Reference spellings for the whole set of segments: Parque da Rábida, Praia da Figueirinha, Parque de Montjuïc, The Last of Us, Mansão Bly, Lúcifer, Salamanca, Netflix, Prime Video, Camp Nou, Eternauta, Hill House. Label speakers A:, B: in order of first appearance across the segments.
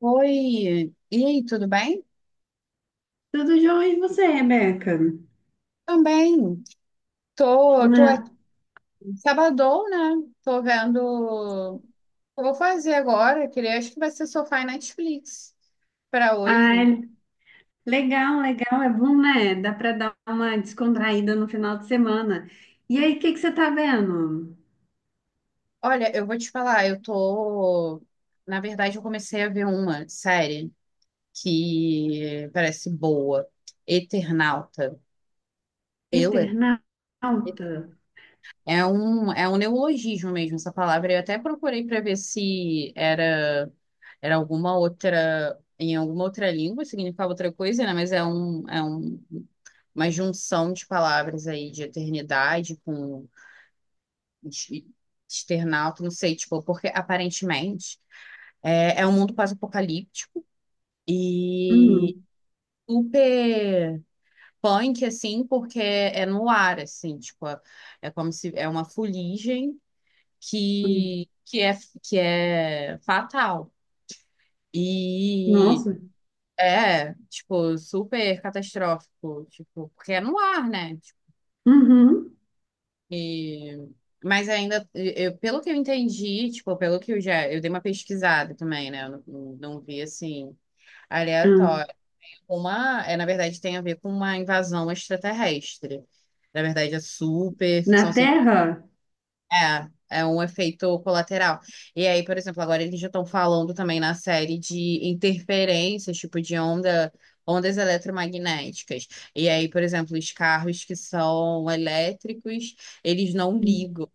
A: Oi, e aí, tudo bem?
B: Tudo jóia, e você, Rebeca?
A: Também. Tô aqui.
B: Ah,
A: Sabadão, né? Tô vendo o que eu vou fazer agora. Queria, acho que vai ser sofá e Netflix para hoje.
B: ai, legal, legal, é bom, né? Dá para dar uma descontraída no final de semana. E aí, o que que você tá vendo?
A: Olha, eu vou te falar, eu tô. Na verdade, eu comecei a ver uma série que parece boa, Eternauta. Eu,
B: Eternauta?
A: é um neologismo mesmo essa palavra. Eu até procurei para ver se era. Era alguma outra, em alguma outra língua, significava outra coisa, né? Mas uma junção de palavras aí de eternidade com de- externauta, não sei, tipo, porque aparentemente é um mundo pós-apocalíptico e
B: Hum,
A: super punk, assim, porque é no ar, assim, tipo, é, é como se é uma fuligem
B: hum.
A: que, que é, que é fatal. E
B: Nossa.
A: é, tipo, super catastrófico, tipo, porque é no ar, né? Tipo,
B: Uhum.
A: e... Mas ainda, eu, pelo que eu entendi, tipo, pelo que eu já, eu dei uma pesquisada também, né? Eu não vi, assim,
B: Hum.
A: aleatório. Uma, é, na verdade, tem a ver com uma invasão extraterrestre. Na verdade, é super ficção.
B: Na Terra?
A: É, é um efeito colateral. E aí, por exemplo, agora eles já estão falando também na série de interferências, tipo de onda, ondas eletromagnéticas. E aí, por exemplo, os carros que são elétricos, eles não
B: Hum.
A: ligam,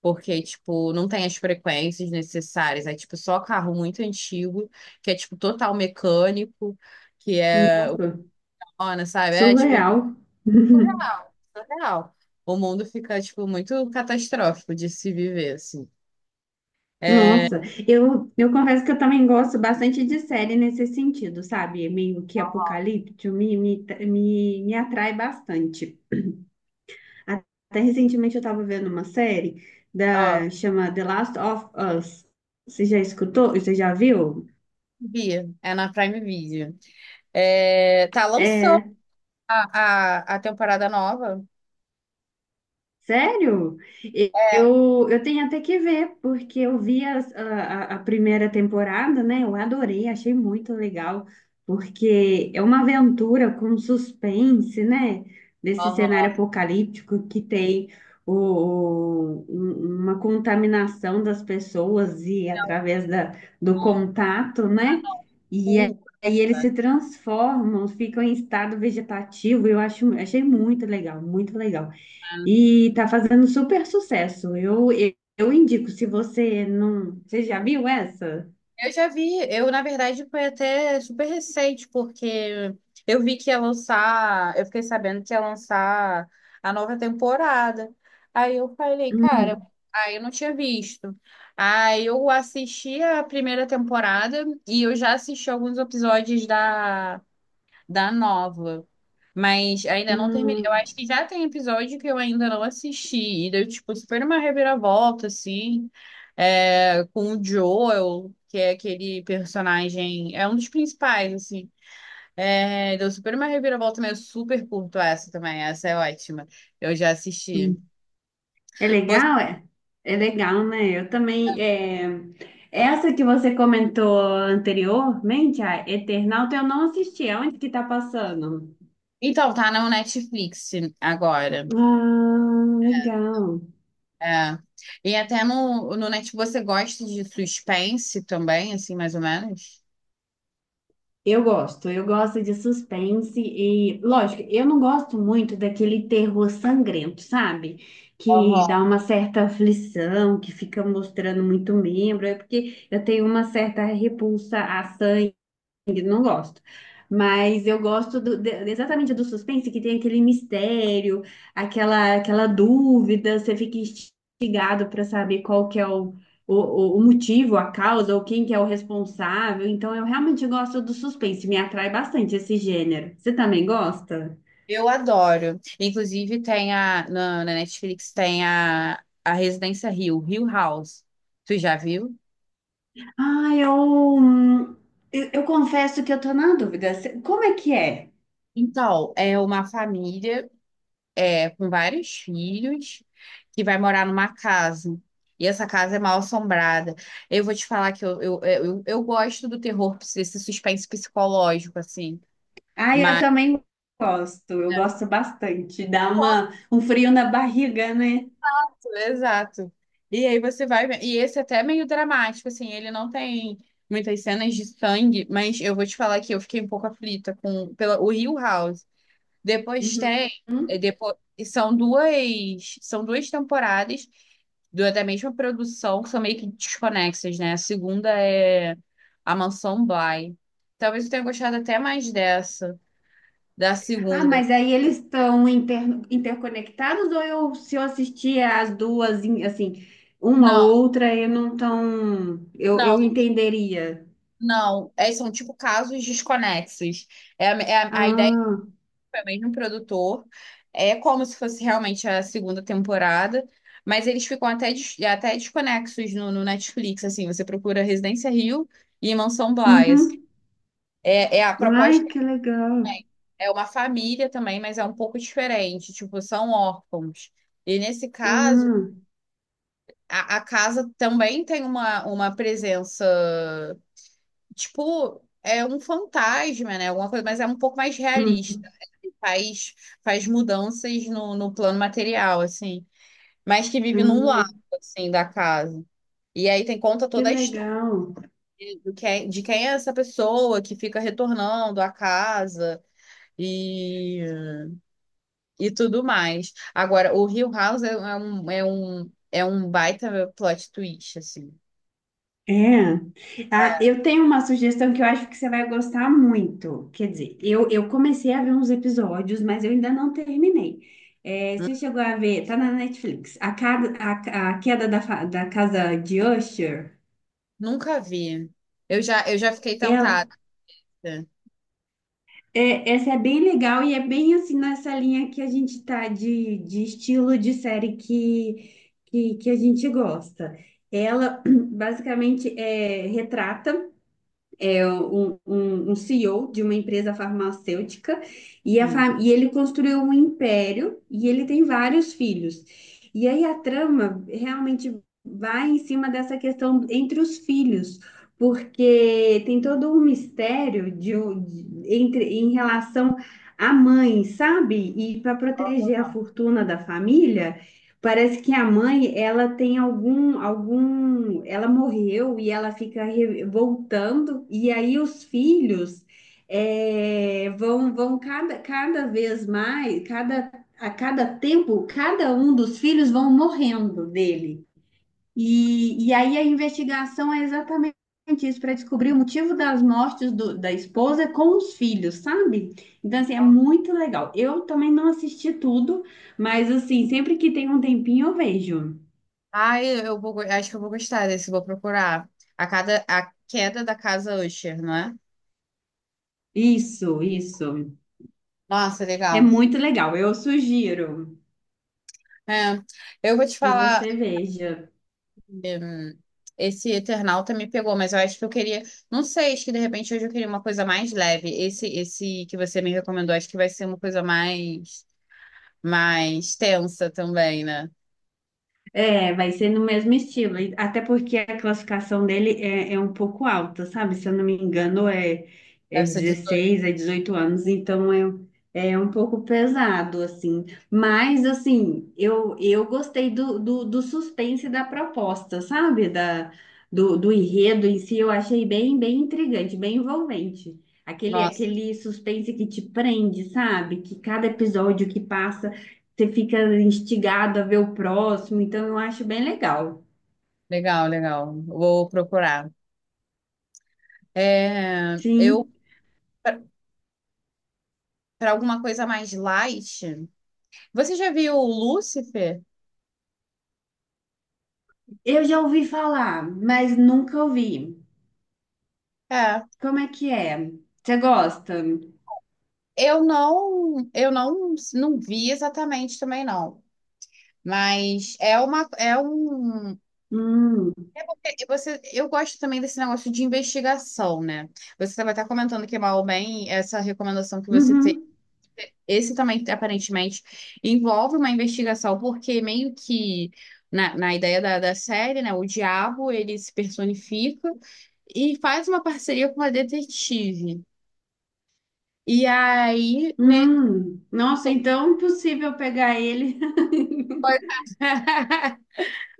A: porque, tipo, não tem as frequências necessárias. É, tipo, só carro muito antigo, que é, tipo, total mecânico, que é o
B: Nossa,
A: Kona, sabe? É, tipo,
B: surreal.
A: surreal, surreal. O mundo fica, tipo, muito catastrófico de se viver, assim. É,
B: Nossa, eu confesso que eu também gosto bastante de série nesse sentido, sabe? Meio que apocalíptico, me atrai bastante. Até recentemente eu estava vendo uma série
A: ó,
B: da chama The Last of Us. Você já escutou? Você já viu?
A: Bia, é na Prime Video. É, tá, lançou
B: É,
A: a temporada nova.
B: sério?
A: É.
B: Eu tenho até que ver, porque eu vi a primeira temporada, né? Eu adorei, achei muito legal, porque é uma aventura com suspense, né? Desse
A: Aham.
B: cenário apocalíptico que tem uma contaminação das pessoas e através do contato,
A: Ah,
B: né?
A: não.
B: E a-
A: Um,
B: aí eles
A: tá?
B: se transformam, ficam em estado vegetativo. Achei muito legal, muito legal. E tá fazendo super sucesso. Eu indico, se você não. Você já viu essa?
A: Eu já vi, eu na verdade foi até super recente, porque eu vi que ia lançar, eu fiquei sabendo que ia lançar a nova temporada. Aí eu falei, cara,
B: Hum,
A: aí eu não tinha visto. Aí eu assisti a primeira temporada e eu já assisti alguns episódios da nova. Mas ainda não terminei. Eu
B: hum,
A: acho que já tem episódio que eu ainda não assisti. E deu, tipo, super uma reviravolta, assim. É, com o Joel, que é aquele personagem. É um dos principais, assim. É, deu super uma reviravolta, mas eu super curto essa também. Essa é ótima. Eu já assisti.
B: hum. É
A: Você-
B: legal, é? É legal, né? Eu também. É, Essa que você comentou anteriormente, a Eternauta, eu não assisti. Aonde que tá passando?
A: Então, tá no Netflix agora.
B: Ah, legal.
A: É. E até no Netflix você gosta de suspense também, assim, mais ou menos?
B: Eu gosto de suspense e, lógico, eu não gosto muito daquele terror sangrento, sabe? Que dá uma certa aflição, que fica mostrando muito membro, é porque eu tenho uma certa repulsa a sangue, não gosto. Mas eu gosto exatamente do suspense, que tem aquele mistério, aquela dúvida, você fica instigado para saber qual que é o motivo, a causa, ou quem que é o responsável. Então, eu realmente gosto do suspense, me atrai bastante esse gênero. Você também gosta?
A: Eu adoro. Inclusive, tem a. Na Netflix tem a Residência Hill, Hill House. Tu já viu?
B: Ah, eu, hum, eu confesso que eu tô na dúvida. Cê- Como é que é?
A: Então, é uma família é, com vários filhos que vai morar numa casa. E essa casa é mal assombrada. Eu vou te falar que eu gosto do terror, desse suspense psicológico, assim.
B: Ah, eu
A: Mas.
B: também gosto, eu gosto bastante. Dá uma, um frio na barriga, né?
A: Exato. E aí você vai ver. E esse até é meio dramático, assim, ele não tem muitas cenas de sangue, mas eu vou te falar que eu fiquei um pouco aflita com pela, o Hill House. Depois
B: Uhum.
A: tem, é, depois, são duas temporadas da mesma produção, que são meio que desconexas, né? A segunda é A Mansão Bly. Talvez eu tenha gostado até mais dessa, da
B: Ah,
A: segunda.
B: mas aí eles estão inter- interconectados ou eu, se eu assistir as duas, em- assim, uma
A: Não,
B: ou outra, eu não tão, eu
A: não,
B: entenderia.
A: não. É, são tipo casos desconexos. É, a ideia
B: Ah,
A: foi o mesmo produtor. É como se fosse realmente a segunda temporada, mas eles ficam até, des- até desconexos no Netflix, assim, você procura Residência Rio e Mansão Blas.
B: uhum.
A: É, é a
B: Ai,
A: proposta
B: que legal.
A: é uma família também, mas é um pouco diferente, tipo, são órfãos. E nesse caso,
B: Ah,
A: a casa também tem uma presença tipo, é um fantasma, né? Alguma coisa, mas é um pouco mais
B: hum,
A: realista. Ele faz, faz mudanças no plano material, assim. Mas que vive num lado,
B: hum,
A: assim, da casa. E aí tem conta
B: que
A: toda a história
B: legal.
A: do que é- de quem é essa pessoa que fica retornando à casa e, e tudo mais. Agora, o Hill House é um baita plot twist, assim.
B: É. Ah, eu tenho uma sugestão que eu acho que você vai gostar muito. Quer dizer, eu comecei a ver uns episódios, mas eu ainda não terminei. É, você chegou a ver, tá na Netflix, A, Cada- a Queda da, Fa- da Casa de Usher.
A: Nunca vi. Eu já fiquei
B: Ela,
A: tentada.
B: é, essa é bem legal e é bem assim nessa linha que a gente tá de estilo de série que a gente gosta. Ela basicamente é, retrata. É um, um- um CEO de uma empresa farmacêutica e, a fa- e ele construiu um império e ele tem vários filhos. E aí a trama realmente vai em cima dessa questão entre os filhos, porque tem todo um mistério de, um- de- entre, em relação à mãe, sabe? E para proteger a fortuna da família. Parece que a mãe, ela tem algum, ela morreu e ela fica re- voltando, e aí os filhos eh, vão cada, cada vez mais, cada, a cada tempo, cada um dos filhos vão morrendo dele. E aí a investigação é exatamente isso, para descobrir o motivo das mortes do- da esposa com os filhos, sabe? Então, assim, é muito legal. Eu também não assisti tudo, mas, assim, sempre que tem um tempinho eu vejo.
A: Ah, eu vou, go- acho que eu vou gostar desse, vou procurar. A, cada, a queda da casa Usher, não é?
B: Isso, isso.
A: Nossa,
B: É
A: legal.
B: muito legal. Eu sugiro
A: É, eu vou te
B: que
A: falar,
B: você veja.
A: hum, esse Eternauta me pegou, mas eu acho que eu queria, não sei, acho que de repente hoje eu queria uma coisa mais leve. Esse que você me recomendou, acho que vai ser uma coisa mais, mais tensa também, né?
B: É, vai ser no mesmo estilo. E até porque a classificação dele é, é um pouco alta, sabe? Se eu não me engano, é, é
A: Deve ser 18.
B: 16, é 18 anos, então é, é um pouco pesado, assim. Mas, assim, eu gostei do suspense da proposta, sabe? Da, do enredo em si, eu achei bem, bem intrigante, bem envolvente.
A: Nossa,
B: Aquele suspense que te prende, sabe? Que cada episódio que passa você fica instigado a ver o próximo, então eu acho bem legal.
A: legal, legal. Vou procurar. É, eu,
B: Sim,
A: para alguma coisa mais light. Você já viu o Lúcifer?
B: eu já ouvi falar, mas nunca ouvi.
A: É.
B: Como é que é? Você gosta?
A: Eu não, eu não vi exatamente também não. Mas é uma, é um.
B: Hum,
A: E você, eu gosto também desse negócio de investigação, né? Você estava até comentando que mal ou bem essa recomendação que você tem,
B: uhum,
A: esse também aparentemente envolve uma investigação, porque meio que na ideia da série, né? O diabo ele se personifica e faz uma parceria com uma detetive. E aí, né,
B: Nossa, então é impossível pegar ele.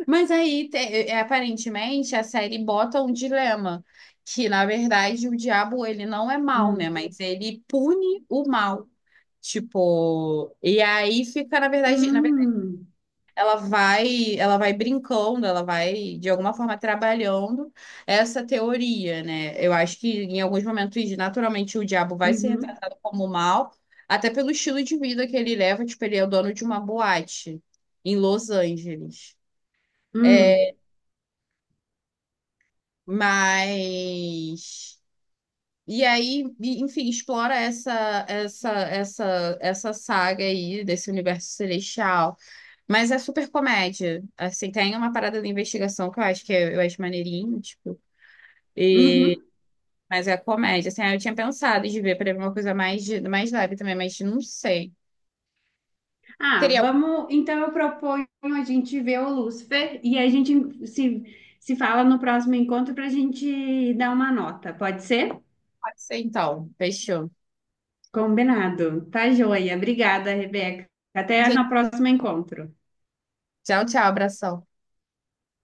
A: Mas aí, te- é, aparentemente, a série bota um dilema, que na verdade o diabo ele não é mal né?
B: Hum,
A: Mas ele pune o mal. Tipo, e aí fica, na verdade,
B: hum,
A: ela vai brincando, ela vai de alguma forma trabalhando essa teoria, né? Eu acho que em alguns momentos, naturalmente, o diabo vai ser
B: uhum,
A: retratado como mal, até pelo estilo de vida que ele leva, tipo, ele é o dono de uma boate em Los Angeles.
B: hum,
A: É, mas e aí, e- enfim, explora essa saga aí desse universo celestial, mas é super comédia. Assim, tem uma parada de investigação que eu acho que eu acho maneirinho, tipo,
B: uhum.
A: mas é comédia. Assim, aí eu tinha pensado de ver para ver uma coisa mais de- mais leve também, mas não sei.
B: Ah,
A: Teria algo que
B: vamos. Então eu proponho a gente ver o Lúcifer e a gente se fala no próximo encontro para a gente dar uma nota, pode ser?
A: pode ser então. Fechou.
B: Combinado. Tá joia. Obrigada, Rebeca. Até
A: Gente,
B: no próximo encontro.
A: tchau, tchau, abração.